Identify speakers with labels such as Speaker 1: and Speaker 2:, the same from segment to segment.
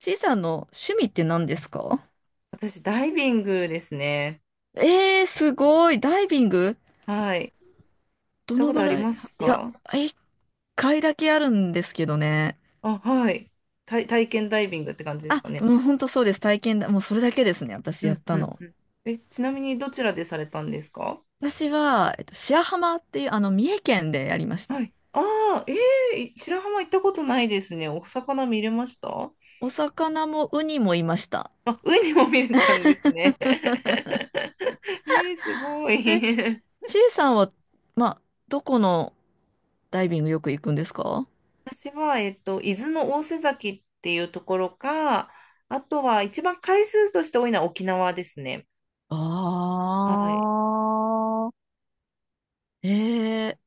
Speaker 1: ちいさんの趣味って何ですか？
Speaker 2: 私、ダイビングですね。
Speaker 1: すごい。ダイビング。
Speaker 2: はい。し
Speaker 1: ど
Speaker 2: た
Speaker 1: の
Speaker 2: こと
Speaker 1: ぐ
Speaker 2: あり
Speaker 1: らい？
Speaker 2: ます
Speaker 1: いや、
Speaker 2: か？
Speaker 1: 一回だけあるんですけどね。
Speaker 2: あ、はい。体験ダイビングって感じです
Speaker 1: あ、
Speaker 2: かね。
Speaker 1: もう本当そうです。体験だ。もうそれだけですね。私
Speaker 2: う
Speaker 1: やっ
Speaker 2: ん
Speaker 1: た
Speaker 2: うん。
Speaker 1: の。
Speaker 2: え、ちなみにどちらでされたんですか？
Speaker 1: 私は、白浜っていう、三重県でやりました。
Speaker 2: はい。ああ、ええ白浜行ったことないですね。お魚見れました？
Speaker 1: お魚もウニもいました。
Speaker 2: あ、ウニも見れたんですね。えー、すご
Speaker 1: え、
Speaker 2: い。
Speaker 1: ちいさんは、まあ、どこのダイビングよく行くんですか？
Speaker 2: 私は、伊豆の大瀬崎っていうところか、あとは一番回数として多いのは沖縄ですね。
Speaker 1: あ
Speaker 2: はい。
Speaker 1: あー、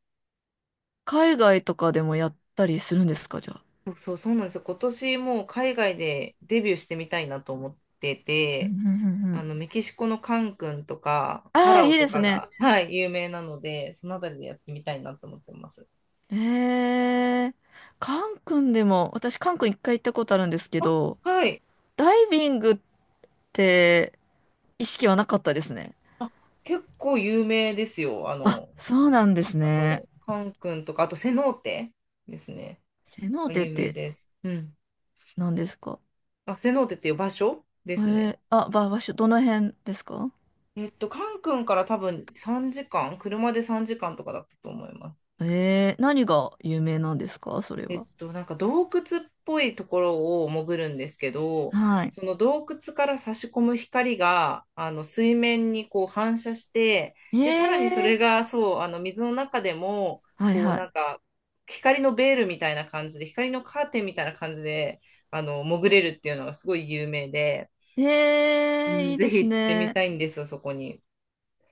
Speaker 1: 海外とかでもやったりするんですかじゃあ？
Speaker 2: そうそう、そうなんですよ。今年もう海外でデビューしてみたいなと思って
Speaker 1: うん
Speaker 2: て、
Speaker 1: うんうんうん。
Speaker 2: メキシコのカンクンとかパ
Speaker 1: ああ、
Speaker 2: ラ
Speaker 1: い
Speaker 2: オ
Speaker 1: い
Speaker 2: と
Speaker 1: です
Speaker 2: か
Speaker 1: ね。
Speaker 2: が、はい、有名なので、そのあたりでやってみたいなと思ってます。
Speaker 1: ええ。カン君でも、私カン君一回行ったことあるんですけ
Speaker 2: あ、
Speaker 1: ど、
Speaker 2: はい。
Speaker 1: ダイビングって意識はなかったですね。
Speaker 2: あ、結構有名ですよ。
Speaker 1: あ、そうなんですね。
Speaker 2: カンクンとか、あとセノーテですね。
Speaker 1: セノー
Speaker 2: が
Speaker 1: テっ
Speaker 2: 有名
Speaker 1: て
Speaker 2: です。うん。
Speaker 1: 何ですか？
Speaker 2: あ、セノーテっていう場所ですね。
Speaker 1: あ、場所、どの辺ですか？
Speaker 2: カンクンから多分3時間、車で3時間とかだったと思います。
Speaker 1: 何が有名なんですかそれは？
Speaker 2: なんか洞窟っぽいところを潜るんですけど、
Speaker 1: はい。
Speaker 2: その洞窟から差し込む光が、水面にこう反射して、
Speaker 1: え
Speaker 2: で、さらにそ
Speaker 1: ー、
Speaker 2: れが、そう、水の中でも、
Speaker 1: はい
Speaker 2: こう、
Speaker 1: は
Speaker 2: なんか、光のベールみたいな感じで、光のカーテンみたいな感じで、潜れるっていうのがすごい有名で、
Speaker 1: い。
Speaker 2: う
Speaker 1: い
Speaker 2: ん、
Speaker 1: い
Speaker 2: ぜ
Speaker 1: で
Speaker 2: ひ
Speaker 1: す
Speaker 2: 行ってみ
Speaker 1: ね。
Speaker 2: たいんですよ、そこに。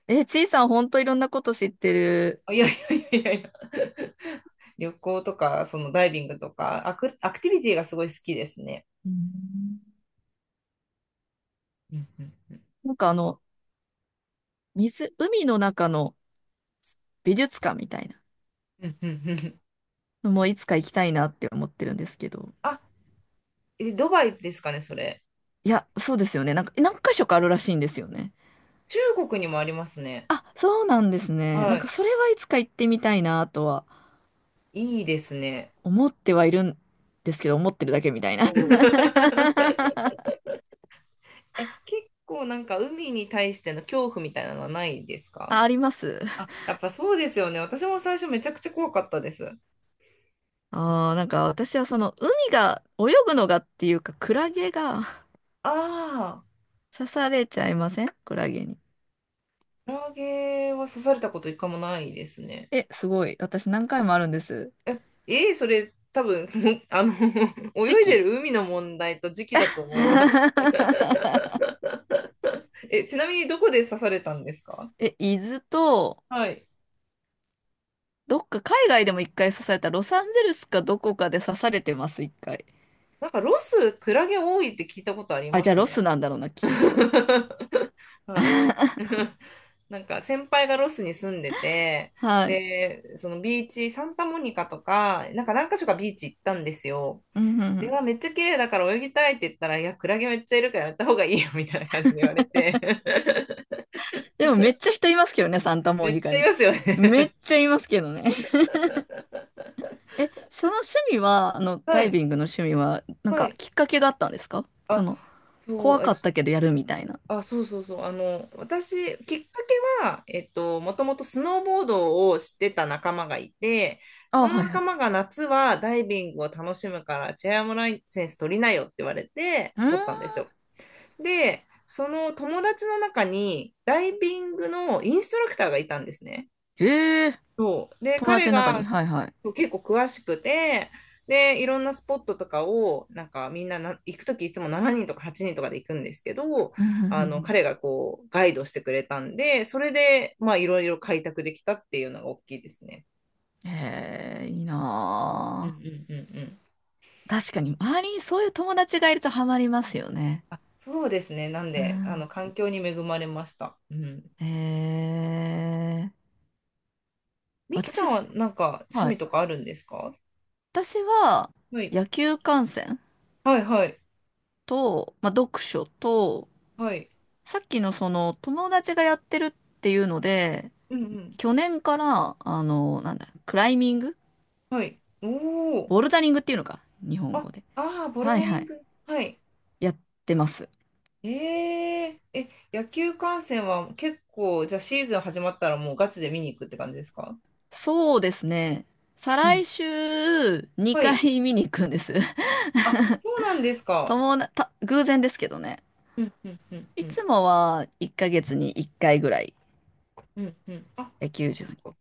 Speaker 1: ちいさんほんといろんなこと知ってる。
Speaker 2: あ、いやいやいやいやいや、旅行とか、そのダイビングとか、アクティビティがすごい好きですね。
Speaker 1: うん。
Speaker 2: うんうん
Speaker 1: なんか水、海の中の美術館みたいな
Speaker 2: うんうんうんうん。
Speaker 1: のもいつか行きたいなって思ってるんですけど。
Speaker 2: あ、ドバイですかね、それ。
Speaker 1: いや、そうですよね。なんか、何箇所かあるらしいんですよね。
Speaker 2: 中国にもありますね。
Speaker 1: あ、そうなんですね。な
Speaker 2: は
Speaker 1: んか、
Speaker 2: い。
Speaker 1: それはいつか行ってみたいなとは
Speaker 2: いいですね。
Speaker 1: 思ってはいるんですけど、思ってるだけみたいな。うん。 あ、
Speaker 2: え、結構なんか海に対しての恐怖みたいなのはないですか？
Speaker 1: あります。
Speaker 2: あ、やっぱそうですよね。私も最初めちゃくちゃ怖かったです。
Speaker 1: あー、なんか私はその、海が、泳ぐのがっていうか、クラゲが
Speaker 2: ああ、
Speaker 1: 刺されちゃいませんクラゲに？
Speaker 2: クラゲは刺されたこと一回もないですね。
Speaker 1: え、すごい。私何回もあるんです。
Speaker 2: えー、それ多分、もう
Speaker 1: 時
Speaker 2: 泳い
Speaker 1: 期。
Speaker 2: でる海の問題と時期だと思います。え、ちなみにどこで刺されたんですか？
Speaker 1: え、伊豆と、
Speaker 2: はい。
Speaker 1: どっか海外でも一回刺された、ロサンゼルスかどこかで刺されてます、一回。
Speaker 2: なんかロス、クラゲ多いって聞いたことあり
Speaker 1: あ、
Speaker 2: ま
Speaker 1: じゃあ
Speaker 2: す
Speaker 1: ロス
Speaker 2: ね。
Speaker 1: なんだろうな、きっと。
Speaker 2: はい。なんか先輩がロスに住んでて、
Speaker 1: はい。
Speaker 2: で、そのビーチ、サンタモニカとか、なんか何か所かビーチ行ったんですよ。
Speaker 1: うんうんう
Speaker 2: で、
Speaker 1: ん。
Speaker 2: わめっちゃ綺麗だから泳ぎたいって言ったら、いや、クラゲめっちゃいるからやった方がいいよみたいな感じで言われて。
Speaker 1: でもめっちゃ人いますけどね、サンタモ
Speaker 2: め
Speaker 1: ニ
Speaker 2: っ
Speaker 1: カ
Speaker 2: ちゃい
Speaker 1: に。
Speaker 2: ますよ
Speaker 1: めっ
Speaker 2: ね。
Speaker 1: ちゃいますけどね。え、その趣味は、
Speaker 2: は
Speaker 1: ダイ
Speaker 2: い。
Speaker 1: ビングの趣味は、なん
Speaker 2: は
Speaker 1: か
Speaker 2: い。
Speaker 1: きっかけがあったんですか、そ
Speaker 2: あ、
Speaker 1: の、
Speaker 2: そ
Speaker 1: 怖
Speaker 2: う、
Speaker 1: かったけどやるみたいな？
Speaker 2: あ、そうそうそう。私、きっかけは、もともとスノーボードをしてた仲間がいて、そ
Speaker 1: あ、
Speaker 2: の
Speaker 1: はいは
Speaker 2: 仲
Speaker 1: い。
Speaker 2: 間が夏はダイビングを楽しむから、チェアーモライセンス取りなよって言われて、
Speaker 1: うー
Speaker 2: 取ったんです
Speaker 1: ん。
Speaker 2: よ。で、その友達の中に、ダイビングのインストラクターがいたんですね。
Speaker 1: ええ。
Speaker 2: そう。で、
Speaker 1: 友達
Speaker 2: 彼
Speaker 1: の中に。
Speaker 2: が
Speaker 1: はいはい。
Speaker 2: そう結構詳しくて、で、いろんなスポットとかを、なんかみんなな行くときいつも7人とか8人とかで行くんですけど、
Speaker 1: うんうんうん
Speaker 2: 彼
Speaker 1: う
Speaker 2: がこう、ガイドしてくれたんで、それで、まあ、いろいろ開拓できたっていうのが大きいですね。
Speaker 1: ん。へえ、いい
Speaker 2: うんう
Speaker 1: な
Speaker 2: ん
Speaker 1: あ。
Speaker 2: うんうん。
Speaker 1: 確かに、周りにそういう友達がいるとハマりますよね。
Speaker 2: あ、そうですね。なん
Speaker 1: う
Speaker 2: で、
Speaker 1: ん。
Speaker 2: 環境に恵まれました。うん。
Speaker 1: えー、
Speaker 2: ミキさん
Speaker 1: 私
Speaker 2: はなんか趣
Speaker 1: は
Speaker 2: 味
Speaker 1: い。
Speaker 2: とかあるんですか？
Speaker 1: 私は
Speaker 2: はい。
Speaker 1: 野球観戦
Speaker 2: はいはい。
Speaker 1: と、まあ、読書と、
Speaker 2: はい。
Speaker 1: さっきのその友達がやってるっていうので、
Speaker 2: うんうん。
Speaker 1: 去年から、あの、なんだ、クライミング、
Speaker 2: はい。おお。
Speaker 1: ボルダリングっていうのか、日本
Speaker 2: あ、
Speaker 1: 語で。
Speaker 2: ああ、ボル
Speaker 1: はい
Speaker 2: ダリ
Speaker 1: は
Speaker 2: ン
Speaker 1: い。
Speaker 2: グ。はい。
Speaker 1: やってます。
Speaker 2: えええ、野球観戦は結構、じゃあシーズン始まったらもうガチで見に行くって感じですか？
Speaker 1: そうですね。再
Speaker 2: う
Speaker 1: 来
Speaker 2: ん。
Speaker 1: 週
Speaker 2: は
Speaker 1: 2
Speaker 2: い。
Speaker 1: 回見に行くんです。
Speaker 2: あ、そうなんです か。
Speaker 1: 友な、た、偶然ですけどね。
Speaker 2: うん、うん、うん、
Speaker 1: い
Speaker 2: うん、
Speaker 1: つもは1ヶ月に1回ぐらい
Speaker 2: うん、うん。あ、
Speaker 1: 野球
Speaker 2: そっ
Speaker 1: 場
Speaker 2: かそ
Speaker 1: に。
Speaker 2: っか。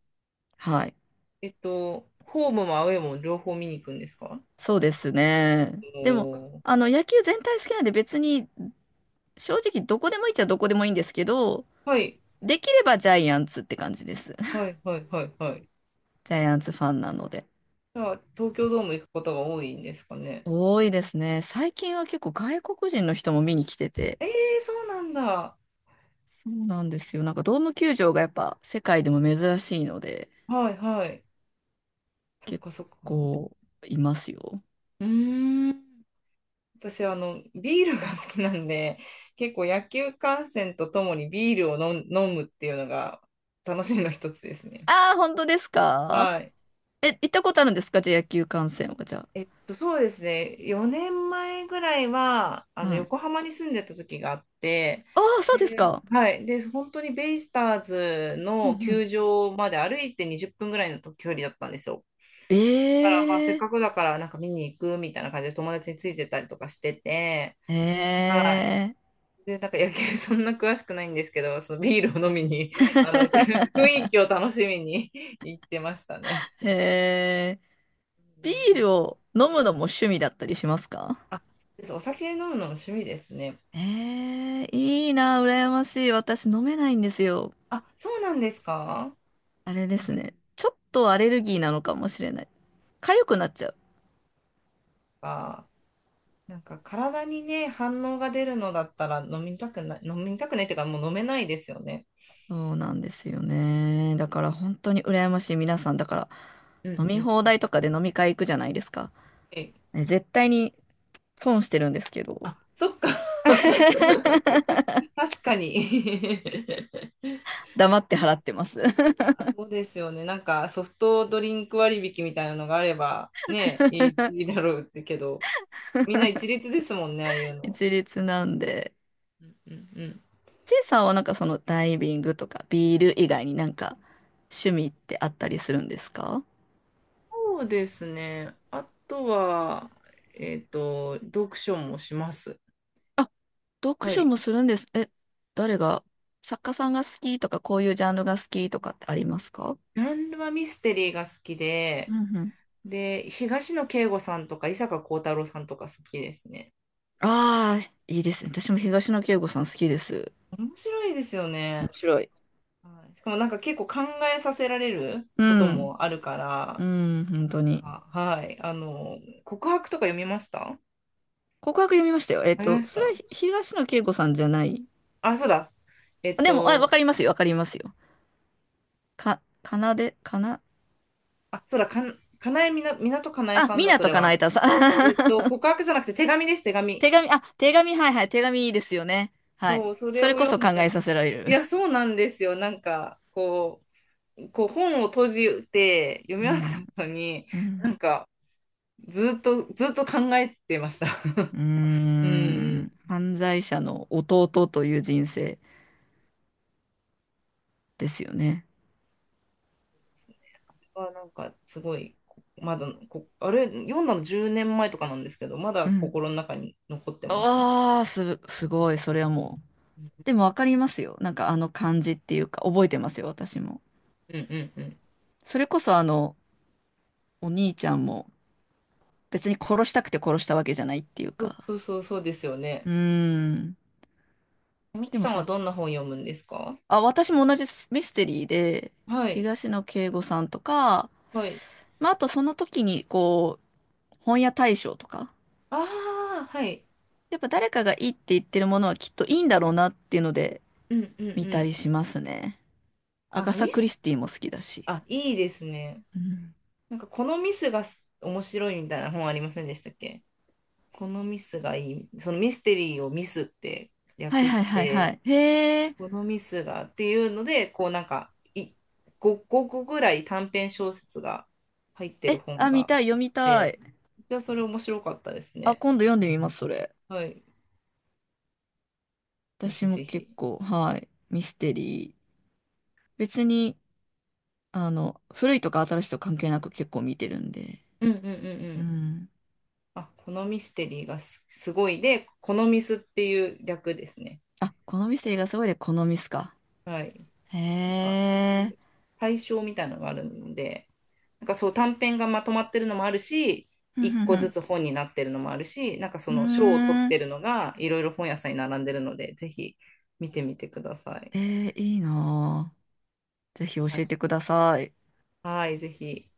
Speaker 1: はい。
Speaker 2: ホームもアウェーも両方見に行くんですか？
Speaker 1: そうですね。
Speaker 2: お
Speaker 1: でも、
Speaker 2: ー、
Speaker 1: 野球全体好きなんで別に正直どこでもいいっちゃどこでもいいんですけど、
Speaker 2: はい、
Speaker 1: できればジャイアンツって感じです。
Speaker 2: は い、はい、はい、はい。
Speaker 1: ジャイアンツファンなので。
Speaker 2: じゃあ、東京ドーム行くことが多いんですかね。
Speaker 1: 多いですね。最近は結構外国人の人も見に来てて。
Speaker 2: ええ、そうなんだ。
Speaker 1: そうなんですよ。なんかドーム球場がやっぱ世界でも珍しいので、
Speaker 2: はい、はい。そっ
Speaker 1: 結
Speaker 2: かそっか。
Speaker 1: 構いますよ。
Speaker 2: うーん。私はビールが好きなんで、結構野球観戦とともにビールを飲む飲むっていうのが楽しみの一つですね。
Speaker 1: ああ、本当ですか？
Speaker 2: はい。
Speaker 1: え、行ったことあるんですかじゃあ野球観戦はじゃあ？
Speaker 2: そうですね、4年前ぐらいは
Speaker 1: はい。
Speaker 2: 横浜に住んでた時があって、
Speaker 1: ああ、そう
Speaker 2: で、
Speaker 1: ですか。
Speaker 2: はい、で本当にベイスターズ
Speaker 1: うんう
Speaker 2: の球
Speaker 1: ん。
Speaker 2: 場まで歩いて20分ぐらいの距離だったんですよ。
Speaker 1: え
Speaker 2: だからまあせっ
Speaker 1: え。
Speaker 2: かくだからなんか見に行くみたいな感じで友達についてたりとかしてて。はい。
Speaker 1: ええ
Speaker 2: で、なんか野球 そんな詳しくないんですけど、そのビールを飲みに、雰囲気を楽しみに 行ってましたね。
Speaker 1: ー。へえ。
Speaker 2: うん
Speaker 1: ビ
Speaker 2: う
Speaker 1: ー
Speaker 2: ん、
Speaker 1: ルを飲むのも趣味だったりしますか？
Speaker 2: あ、そうです。お酒飲むのも趣味ですね。
Speaker 1: ええー、いいな、羨ましい。私飲めないんですよ。
Speaker 2: あ、そうなんですか？
Speaker 1: あれで
Speaker 2: なん
Speaker 1: す
Speaker 2: か、
Speaker 1: ね。ちょっとアレルギーなのかもしれない。痒くなっちゃう。
Speaker 2: あなんか体にね、反応が出るのだったら飲みたくない、飲みたくないっていうかもう飲めないですよね。
Speaker 1: そうなんですよね。だから本当に羨ましい皆さん。だから
Speaker 2: うん
Speaker 1: 飲
Speaker 2: う
Speaker 1: み放
Speaker 2: ん。
Speaker 1: 題とかで飲み会行くじゃないですか？
Speaker 2: え、
Speaker 1: ね、絶対に損してるんですけど。
Speaker 2: あ、そっか。確かに。
Speaker 1: 黙って払ってます。
Speaker 2: あ、そうですよね。なんかソフトドリンク割引みたいなのがあればね、いいだろうってけど、みんな一律ですもんね、ああいうの。
Speaker 1: 一律なんで。
Speaker 2: うんうんうん、
Speaker 1: チェイさんはなんかそのダイビングとかビール以外になんか趣味ってあったりするんですか？
Speaker 2: そうですね。あとは、読書もします。
Speaker 1: あ、読
Speaker 2: は
Speaker 1: 書
Speaker 2: い。
Speaker 1: もするんです。え、誰が、作家さんが好きとかこういうジャンルが好きとかってありますか？
Speaker 2: ジャンルはミステリーが好き
Speaker 1: う
Speaker 2: で、
Speaker 1: んうん。
Speaker 2: で、東野圭吾さんとか伊坂幸太郎さんとか好きですね。
Speaker 1: ああ、いいですね。私も東野圭吾さん好きです。
Speaker 2: 面白いですよ
Speaker 1: 面
Speaker 2: ね。
Speaker 1: 白い。
Speaker 2: はい、しかもなんか結構考えさせられる
Speaker 1: う
Speaker 2: こと
Speaker 1: ん。
Speaker 2: もあるか
Speaker 1: う
Speaker 2: ら、
Speaker 1: ん、本
Speaker 2: な
Speaker 1: 当
Speaker 2: ん
Speaker 1: に。
Speaker 2: か、はい。告白とか読みました？
Speaker 1: 告白読みましたよ。
Speaker 2: 読みまし
Speaker 1: それは
Speaker 2: た？
Speaker 1: 東野圭吾さんじゃない。
Speaker 2: あ、そうだ。え
Speaker 1: あ、
Speaker 2: っ
Speaker 1: でも、あ、わか
Speaker 2: と、
Speaker 1: りますよ、わかりますよ。か、かなで、かな、
Speaker 2: あ、そうだ、かなえみな、港かなえ
Speaker 1: あ、
Speaker 2: さん
Speaker 1: ミ
Speaker 2: だ、
Speaker 1: ナ
Speaker 2: そ
Speaker 1: と
Speaker 2: れ
Speaker 1: かなえ
Speaker 2: は。
Speaker 1: たさん。
Speaker 2: 告白じゃなくて手紙です、手 紙。
Speaker 1: 手紙、あ、手紙、はいはい、手紙いいですよね。は
Speaker 2: そ
Speaker 1: い。
Speaker 2: う、それ
Speaker 1: それ
Speaker 2: を
Speaker 1: こそ
Speaker 2: 読
Speaker 1: 考
Speaker 2: んだ。
Speaker 1: えさせられる。
Speaker 2: いや、そうなんですよ。なんか、こう本を閉じて読み
Speaker 1: う
Speaker 2: 終わっ
Speaker 1: ん、
Speaker 2: た後に、
Speaker 1: うん、
Speaker 2: なんか、ずっと、ずっと考えてました。
Speaker 1: うー
Speaker 2: うん。
Speaker 1: ん。犯罪者の弟という人生ですよね。
Speaker 2: はなんかすごい、まだこ、あれ、読んだの10年前とかなんですけど、ま
Speaker 1: う
Speaker 2: だ
Speaker 1: ん。
Speaker 2: 心の中に残ってますね。
Speaker 1: わあ、すごい、それはもう。でもわかりますよ。なんかあの感じっていうか、覚えてますよ、私も。
Speaker 2: うんうんうん。
Speaker 1: それこそお兄ちゃんも別に殺したくて殺したわけじゃないっていう
Speaker 2: そう
Speaker 1: か。
Speaker 2: そうそうそうですよ
Speaker 1: う
Speaker 2: ね。
Speaker 1: ーん。
Speaker 2: ミ
Speaker 1: で
Speaker 2: キ
Speaker 1: も
Speaker 2: さんはどんな本読むんですか？
Speaker 1: あ、私も同じミステリーで、
Speaker 2: はい、
Speaker 1: 東野圭吾さんとか、
Speaker 2: はい。
Speaker 1: まあ、あとその時に、こう、本屋大賞とか、
Speaker 2: ああ、はい。
Speaker 1: やっぱ誰かがいいって言ってるものはきっといいんだろうなっていうので
Speaker 2: うんうんう
Speaker 1: 見た
Speaker 2: ん。
Speaker 1: りしますね。アガサ・
Speaker 2: ミ
Speaker 1: クリ
Speaker 2: ス、
Speaker 1: スティも好きだし。
Speaker 2: あ、いいですね。
Speaker 1: うん。
Speaker 2: なんか、このミスがす面白いみたいな本ありませんでしたっけ？このミスがいい。そのミステリーをミスって
Speaker 1: はい
Speaker 2: 略
Speaker 1: はい
Speaker 2: し
Speaker 1: はいは
Speaker 2: て、
Speaker 1: い。へえ。
Speaker 2: このミスがっていうので、こうなんかい5、個ぐらい短編小説が入ってる
Speaker 1: え、
Speaker 2: 本
Speaker 1: あ、見
Speaker 2: が。
Speaker 1: たい、読みたい。
Speaker 2: じゃあそれ面白かったです
Speaker 1: あ、
Speaker 2: ね。
Speaker 1: 今度読んでみます、それ。
Speaker 2: はい。ぜ
Speaker 1: 私
Speaker 2: ひ
Speaker 1: も
Speaker 2: ぜ
Speaker 1: 結
Speaker 2: ひ。
Speaker 1: 構、はい、ミステリー。別に、古いとか新しいとか関係なく結構見てるんで。
Speaker 2: うんうんうんう
Speaker 1: う
Speaker 2: ん。
Speaker 1: ん。
Speaker 2: あ、このミステリーがすごいで、このミスっていう略ですね。
Speaker 1: あ、好み性がすごいで好みミすか？
Speaker 2: はい。
Speaker 1: へ
Speaker 2: なんかそうい
Speaker 1: え。
Speaker 2: う対象みたいなのがあるので、なんかそう短編がまとまってるのもあるし、
Speaker 1: ふんふ
Speaker 2: 一
Speaker 1: ん
Speaker 2: 個
Speaker 1: ふ
Speaker 2: ず
Speaker 1: ん。
Speaker 2: つ本になってるのもあるし、なんかそ
Speaker 1: う
Speaker 2: の賞を取っ
Speaker 1: ーん。
Speaker 2: てるのがいろいろ本屋さんに並んでるので、ぜひ見てみてください。
Speaker 1: えいいなぁ。ぜひ教
Speaker 2: は
Speaker 1: え
Speaker 2: い、
Speaker 1: てください。
Speaker 2: はいぜひ。